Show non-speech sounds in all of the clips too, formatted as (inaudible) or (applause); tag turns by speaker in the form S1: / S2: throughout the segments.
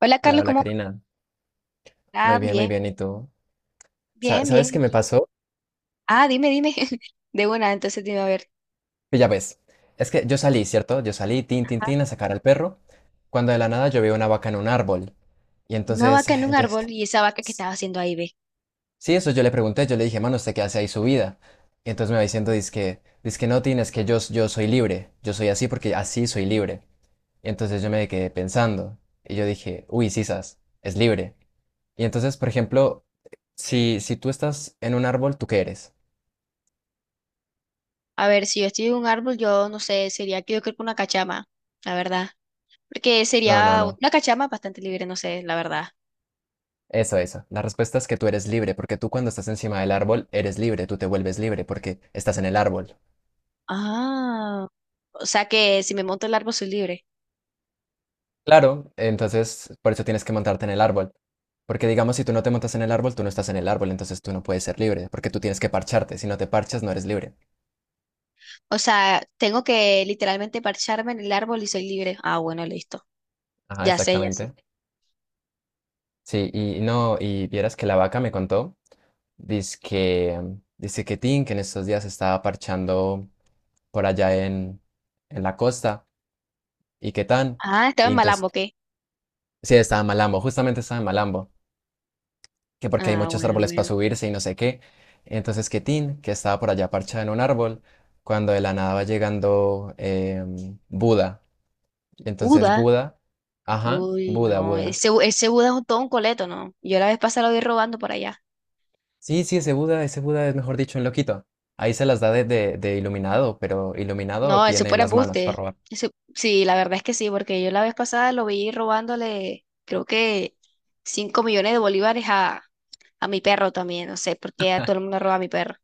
S1: Hola
S2: Hola,
S1: Carlos,
S2: hola
S1: ¿cómo vas?
S2: Karina.
S1: Ah,
S2: Muy bien, muy
S1: bien,
S2: bien. ¿Y tú?
S1: bien,
S2: ¿Sabes
S1: bien
S2: qué me
S1: aquí.
S2: pasó?
S1: Ah, dime, dime. (laughs) De buena. Entonces dime, a ver,
S2: Que ya ves. Es que yo salí, ¿cierto? Yo salí, tin, tin, tin, a sacar al perro. Cuando de la nada yo veo una vaca en un árbol. Y
S1: una
S2: entonces,
S1: vaca en un
S2: entonces,
S1: árbol y esa vaca que
S2: s-
S1: estaba haciendo ahí, ve.
S2: sí, eso yo le pregunté. Yo le dije, mano, ¿usted qué hace ahí su vida? Y entonces me va diciendo, dizque no, Tin, es que yo, yo soy libre. Yo soy así porque así soy libre. Y entonces yo me quedé pensando. Y yo dije, uy, sisas, es libre. Y entonces, por ejemplo, si tú estás en un árbol, ¿tú qué eres?
S1: A ver, si yo estoy en un árbol, yo no sé, sería que yo creo que una cachama, la verdad. Porque
S2: No, no,
S1: sería
S2: no.
S1: una cachama bastante libre, no sé, la verdad.
S2: Eso, eso. La respuesta es que tú eres libre, porque tú cuando estás encima del árbol eres libre, tú te vuelves libre porque estás en el árbol.
S1: Ah, o sea que si me monto el árbol soy libre.
S2: Claro, entonces por eso tienes que montarte en el árbol. Porque digamos, si tú no te montas en el árbol, tú no estás en el árbol, entonces tú no puedes ser libre, porque tú tienes que parcharte. Si no te parchas, no eres libre.
S1: O sea, tengo que literalmente parcharme en el árbol y soy libre. Ah, bueno, listo.
S2: Ajá,
S1: Ya sé, ya sé.
S2: exactamente. Sí, y no, y vieras que la vaca me contó, dice que, dice que Tin, que en estos días estaba parchando por allá en la costa, y que tan,
S1: Ah, estaba
S2: y
S1: en
S2: entonces,
S1: Malambo, ¿qué?
S2: sí, estaba en Malambo, justamente estaba en Malambo. Que porque hay
S1: Ah,
S2: muchos
S1: bueno,
S2: árboles para
S1: bueno.
S2: subirse y no sé qué. Entonces que Tin, que estaba por allá parchada en un árbol, cuando de la nada va llegando Buda. Entonces
S1: ¿Buda?
S2: Buda, ajá,
S1: Uy,
S2: Buda,
S1: no,
S2: Buda.
S1: ese Buda es todo un coleto, ¿no? Yo la vez pasada lo vi robando por allá.
S2: Sí, sí, ese Buda es mejor dicho un loquito. Ahí se las da de iluminado, pero iluminado
S1: No, ese
S2: tiene
S1: fue
S2: las manos para
S1: embuste.
S2: robar.
S1: Ese, sí, la verdad es que sí, porque yo la vez pasada lo vi robándole, creo que 5 millones de bolívares a mi perro también, no sé, porque a todo el mundo roba a mi perro.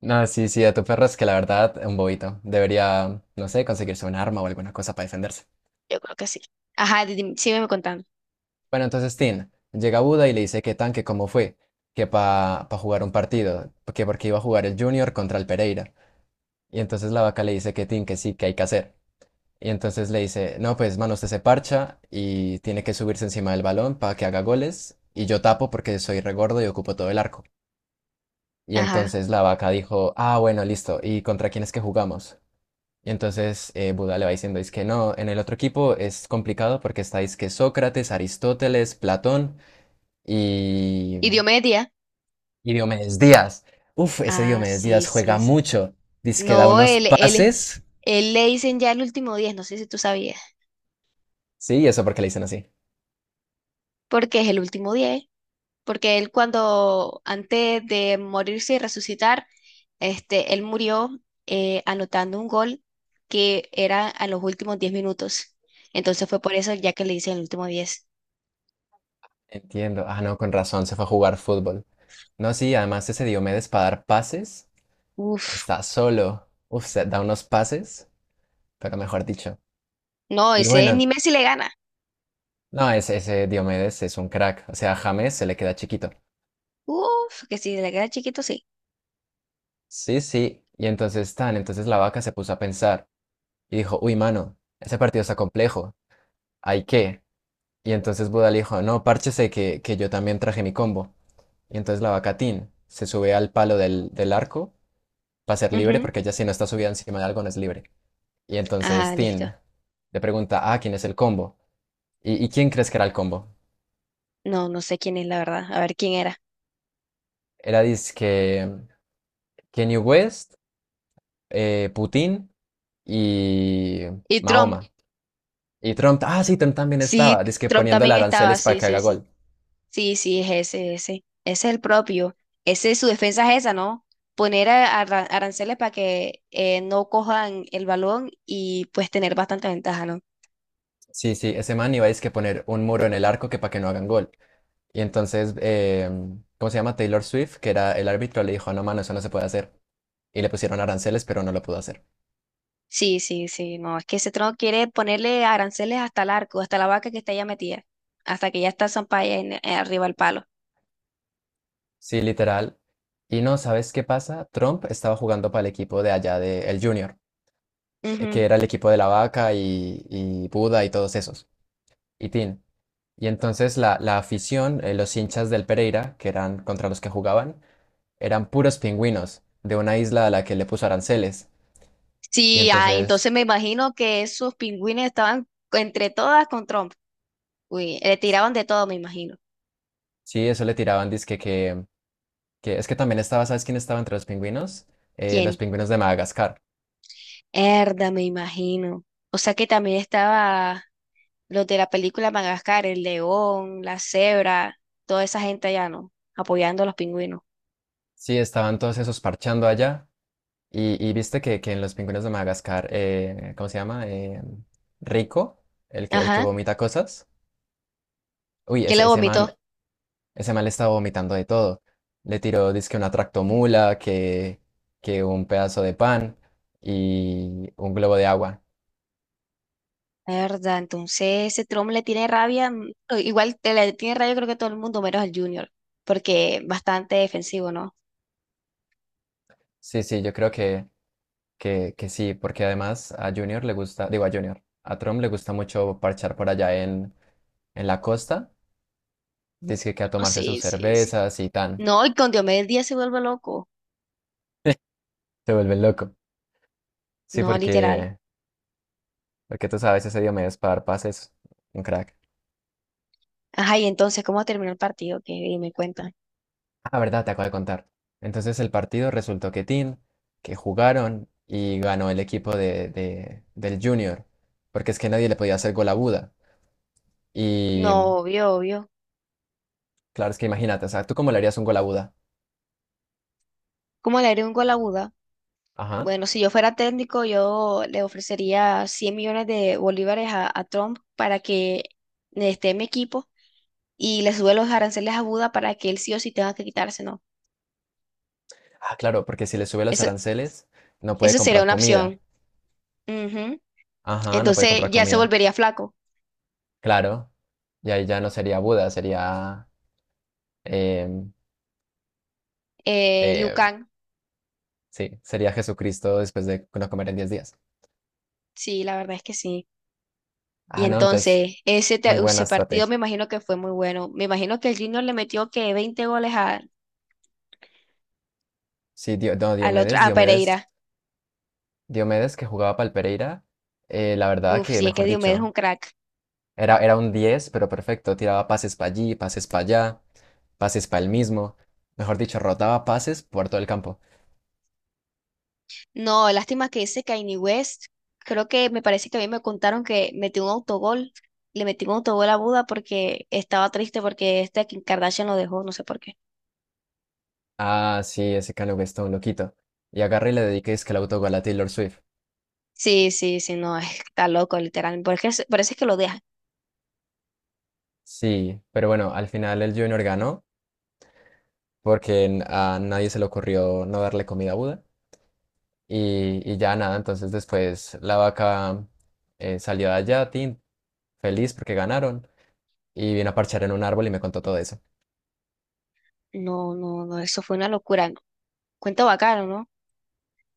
S2: No, sí, sí, a tu perro es que la verdad, un bobito. Debería, no sé, conseguirse un arma o alguna cosa para defenderse.
S1: Yo creo que sí. Ajá, sígueme contando.
S2: Bueno, entonces Tin llega a Buda y le dice que tan, que cómo fue, que para jugar un partido, que porque iba a jugar el Junior contra el Pereira. Y entonces la vaca le dice que Tin, que sí, que hay que hacer. Y entonces le dice, no, pues mano, usted se parcha y tiene que subirse encima del balón para que haga goles. Y yo tapo porque soy regordo y ocupo todo el arco. Y
S1: Ajá.
S2: entonces la vaca dijo, ah, bueno, listo, ¿y contra quién es que jugamos? Y entonces Buda le va diciendo, es que no, en el otro equipo es complicado porque estáis que Sócrates, Aristóteles, Platón y,
S1: ¿Y Diomedes?
S2: y Diomedes Díaz. Uf, ese
S1: Ah,
S2: Diomedes
S1: sí,
S2: Díaz
S1: sí,
S2: juega
S1: sí.
S2: mucho. Dice que da
S1: No,
S2: unos
S1: él, él,
S2: pases.
S1: él le dicen ya el último diez, no sé si tú sabías,
S2: Sí, ¿y eso porque le dicen así?
S1: porque es el último 10 porque él cuando, antes de morirse y resucitar, este, él murió anotando un gol que era a los últimos 10 minutos. Entonces fue por eso ya que le hice el último diez.
S2: Entiendo. Ah, no, con razón, se fue a jugar fútbol. No, sí, además ese Diomedes para dar pases
S1: Uf,
S2: está solo. Uf, se- da unos pases, pero mejor dicho.
S1: no,
S2: Y
S1: ese
S2: bueno,
S1: ni Messi le gana.
S2: no, ese Diomedes es un crack. O sea, a James se le queda chiquito.
S1: Uf, que si le queda chiquito, sí.
S2: Sí, sí. Y entonces tan, entonces la vaca se puso a pensar y dijo, uy, mano, ese partido está complejo. ¿Hay qué? Y entonces Buda le dijo, no, párchese que yo también traje mi combo. Y entonces la vaca Tin se sube al palo del arco para ser libre,
S1: Ujú.
S2: porque ella si no está subida encima de algo no es libre. Y entonces
S1: Ajá, listo.
S2: Tin le pregunta, ah, ¿quién es el combo? Y quién crees que era el combo?
S1: No, no sé quién es la verdad. A ver quién era.
S2: Era dizque Kanye West, Putin y
S1: Y Trump.
S2: Mahoma. Y Trump, ah, sí, Trump también
S1: Sí,
S2: estaba, dizque
S1: Trump
S2: poniéndole
S1: también estaba,
S2: aranceles para
S1: sí,
S2: que haga
S1: sí, sí.
S2: gol.
S1: Sí, sí, es ese, ese. Ese es el propio. Ese, su defensa es esa, ¿no? Poner aranceles para que no cojan el balón y pues tener bastante ventaja, ¿no?
S2: Sí, sí, ese man iba a dizque poner un muro en el arco que para que no hagan gol. Y entonces, ¿cómo se llama? Taylor Swift, que era el árbitro, le dijo, no, mano, eso no se puede hacer. Y le pusieron aranceles, pero no lo pudo hacer.
S1: Sí, sí, sí, no. Es que ese trono quiere ponerle aranceles hasta el arco, hasta la vaca que está ya metida, hasta que ya está Zampaya arriba del palo.
S2: Sí, literal. Y no, ¿sabes qué pasa? Trump estaba jugando para el equipo de allá, de el Junior, que
S1: Ujú.
S2: era el equipo de la vaca y Buda y todos esos, y Tin. Y entonces la afición, los hinchas del Pereira, que eran contra los que jugaban, eran puros pingüinos de una isla a la que le puso aranceles. Y
S1: Sí, ah,
S2: entonces,
S1: entonces me imagino que esos pingüines estaban entre todas con Trump. Uy, le tiraban de todo, me imagino.
S2: sí, eso le tiraban, dizque que es que también estaba, ¿sabes quién estaba entre los pingüinos?
S1: ¿Quién?
S2: Los pingüinos de Madagascar.
S1: Herda, me imagino. O sea que también estaba. Los de la película Madagascar, el león, la cebra, toda esa gente allá, ¿no? Apoyando a los pingüinos.
S2: Sí, estaban todos esos parchando allá. Y viste que en los pingüinos de Madagascar, ¿cómo se llama? Rico, el que
S1: Ajá.
S2: vomita cosas. Uy,
S1: Que le
S2: ese,
S1: vomitó.
S2: ese man le estaba vomitando de todo. Le tiró, dizque una tractomula, que un pedazo de pan y un globo de agua.
S1: La verdad, entonces ese Trump le tiene rabia, o igual te le tiene rabia creo que todo el mundo, menos el Junior, porque bastante defensivo, ¿no?
S2: Sí, sí, yo creo que, que sí, porque además a Junior le gusta, digo a Junior, a Trump le gusta mucho parchar por allá en la costa, dice que a
S1: Oh,
S2: tomarse sus
S1: sí, sí, sí.
S2: cervezas y tan,
S1: No, y con Diomedes Díaz se vuelve loco.
S2: se vuelve loco. Sí,
S1: No, literal.
S2: porque, porque tú sabes, ese Diomedes para dar pases un crack.
S1: Ajá, y entonces, ¿cómo terminó el partido? Que me cuentan.
S2: Ah, verdad, te acabo de contar. Entonces el partido resultó que Tin, que jugaron y ganó el equipo de, del Junior, porque es que nadie le podía hacer gol a Buda.
S1: No,
S2: Y
S1: obvio, obvio.
S2: claro, es que imagínate, o sea, ¿tú cómo le harías un gol a Buda?
S1: ¿Cómo le haré un gol a Buda?
S2: Ajá.
S1: Bueno, si yo fuera técnico, yo le ofrecería 100 millones de bolívares a, Trump para que esté en mi equipo y le sube los aranceles a Buda para que él sí o sí tenga que quitarse, ¿no?
S2: Ah, claro, porque si le sube los
S1: Eso,
S2: aranceles, no puede
S1: eso sería
S2: comprar
S1: una
S2: comida.
S1: opción. Ujú.
S2: Ajá, no puede
S1: Entonces
S2: comprar
S1: ya se
S2: comida.
S1: volvería flaco.
S2: Claro, y ahí ya no sería Buda, sería, em,
S1: Liu
S2: eh,
S1: Kang,
S2: sí, sería Jesucristo después de no comer en 10 días.
S1: sí, la verdad es que sí. Y
S2: Ah, no, entonces,
S1: entonces ese,
S2: muy
S1: te-
S2: buena
S1: ese partido
S2: estrategia.
S1: me imagino que fue muy bueno. Me imagino que el Junior le metió que 20 goles a,
S2: Sí, no,
S1: al otro,
S2: Diomedes,
S1: a
S2: Diomedes,
S1: Pereira.
S2: Diomedes que jugaba para el Pereira, la verdad
S1: Uf,
S2: que,
S1: sí, es que
S2: mejor
S1: Diomedes es
S2: dicho,
S1: un crack.
S2: era un 10, pero perfecto, tiraba pases para allí, pases para allá, pases para el mismo, mejor dicho, rotaba pases por todo el campo.
S1: No, lástima que ese Kanye West, creo que me parece que a mí me contaron que metió un autogol, le metió un autogol a Buda porque estaba triste porque este Kim Kardashian lo dejó, no sé por qué.
S2: Ah, sí, ese Kanye West está un loquito. Y agarré y le dediqué es que el autogol a Taylor Swift.
S1: Sí, sí, sí, no, (laughs) está loco, literal. Porque parece que lo deja.
S2: Sí, pero bueno, al final el Junior ganó porque a nadie se le ocurrió no darle comida a Buda y ya nada, entonces después la vaca salió de allá, tin, feliz porque ganaron y vino a parchar en un árbol y me contó todo eso.
S1: No, no, no, eso fue una locura. Cuento bacano, ¿no?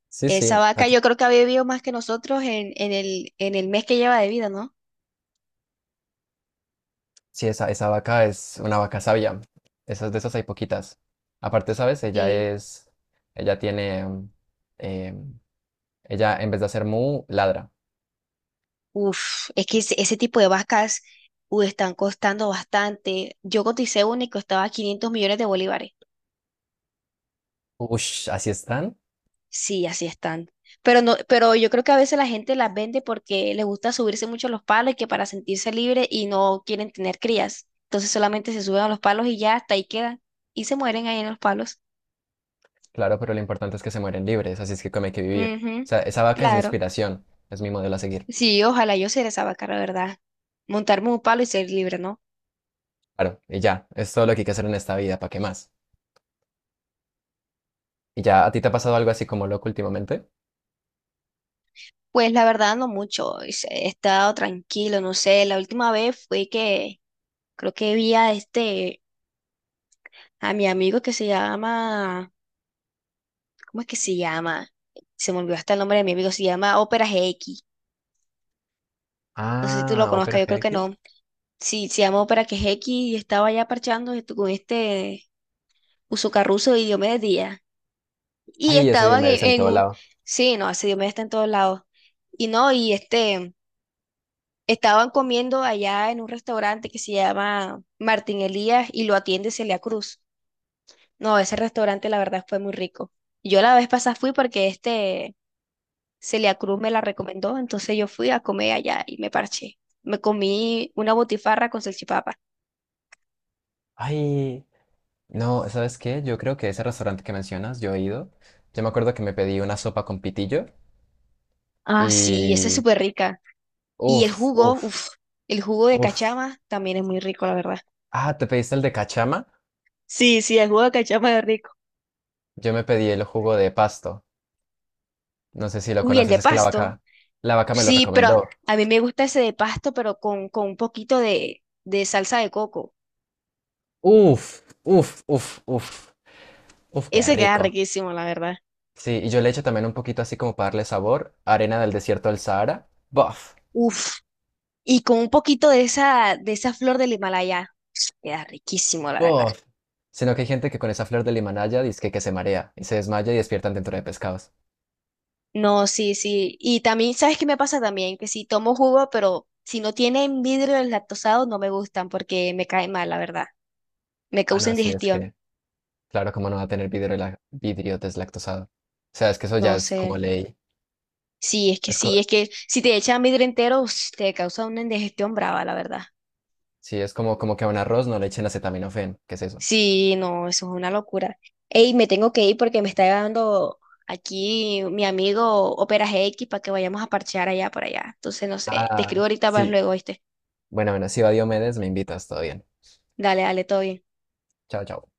S2: Sí, sí,
S1: Esa vaca yo creo que ha vivido más que nosotros en el mes que lleva de vida, ¿no?
S2: sí, esa vaca es una vaca sabia, esas de esas hay poquitas. Aparte, ¿sabes? Ella
S1: Sí.
S2: es, ella tiene, em, ella en vez de hacer mu, ladra.
S1: Uf, es que ese tipo de vacas, están costando bastante. Yo coticé una y costaba 500 millones de bolívares.
S2: Ush, así están.
S1: Sí, así están. Pero no, pero yo creo que a veces la gente las vende porque les gusta subirse mucho a los palos y que para sentirse libre y no quieren tener crías. Entonces solamente se suben a los palos y ya hasta ahí quedan. Y se mueren ahí en los palos.
S2: Claro, pero lo importante es que se mueren libres, así es que como hay que vivir. O
S1: Ujú,
S2: sea, esa vaca es mi
S1: claro.
S2: inspiración, es mi modelo a seguir.
S1: Sí, ojalá yo ser esa vaca, la verdad. Montarme un palo y ser libre, ¿no?
S2: Claro, y ya, es todo lo que hay que hacer en esta vida, ¿para qué más? ¿Y ya a ti te ha pasado algo así como loco últimamente?
S1: Pues la verdad no mucho. He estado tranquilo, no sé. La última vez fue que creo que vi a este, a mi amigo que se llama. ¿Cómo es que se llama? Se me olvidó hasta el nombre de mi amigo, se llama Ópera GX. No sé si tú lo
S2: Ah,
S1: conozcas,
S2: Opera
S1: yo creo que
S2: GX.
S1: no. Sí, se llama Ópera GX y estaba ya parchando esto con este Usucarruso y Diomedes Díaz. Y
S2: Ay, ese
S1: estaban en,
S2: Diomedes en
S1: en
S2: todo
S1: un...
S2: lado.
S1: Sí, no, ese Diomedes está en todos lados. Y no, y este... Estaban comiendo allá en un restaurante que se llama Martín Elías y lo atiende Celia Cruz. No, ese restaurante la verdad fue muy rico. Yo la vez pasada fui porque este Celia Cruz me la recomendó, entonces yo fui a comer allá y me parché. Me comí una botifarra con salchipapa.
S2: Ay, no, ¿sabes qué? Yo creo que ese restaurante que mencionas, yo he ido. Yo me acuerdo que me pedí una sopa con pitillo
S1: Ah, sí, esa es
S2: y...
S1: súper rica. Y el
S2: Uf,
S1: jugo,
S2: uf,
S1: uff, el jugo de
S2: uf.
S1: cachama también es muy rico, la verdad.
S2: Ah, ¿te pediste el de cachama?
S1: Sí, sí, el jugo de cachama es rico.
S2: Yo me pedí el jugo de pasto. No sé si lo
S1: Uy, el
S2: conoces,
S1: de
S2: es que
S1: pasto.
S2: la vaca me lo
S1: Sí, pero
S2: recomendó.
S1: a mí me gusta ese de pasto, pero con un poquito de salsa de coco.
S2: Uf, uf, uf, uf, uf, qué
S1: Ese queda
S2: rico.
S1: riquísimo, la verdad.
S2: Sí, y yo le echo también un poquito así como para darle sabor, arena del desierto del Sahara. Bof,
S1: Uf, y con un poquito de esa flor del Himalaya. Queda riquísimo, la verdad.
S2: bof. Sino que hay gente que con esa flor del Himalaya dice que, se marea y se desmaya y despiertan dentro de pescados.
S1: No, sí, sí. Y también, ¿sabes qué me pasa también? Que si tomo jugo, pero si no tienen vidrio lactosado no me gustan porque me cae mal, la verdad. Me
S2: Ah,
S1: causa
S2: no, sí, es
S1: indigestión.
S2: que, claro, como no va a tener vidrio, la- vidrio deslactosado. O sea, es que eso
S1: No
S2: ya es
S1: sé.
S2: como ley. Es
S1: Sí,
S2: co-
S1: es que si te echan vidrio entero, ush, te causa una indigestión brava, la verdad.
S2: sí, es como, como que a un arroz no le echen acetaminofén. ¿Qué es eso?
S1: Sí, no, eso es una locura. Ey, me tengo que ir porque me está llegando aquí mi amigo Opera GX para que vayamos a parchear allá por allá. Entonces, no sé, te escribo
S2: Ah,
S1: ahorita más
S2: sí.
S1: luego, ¿viste?
S2: Bueno, bueno, si va Diomedes, me invitas, todo bien.
S1: Dale, dale, todo bien.
S2: Chao, chao.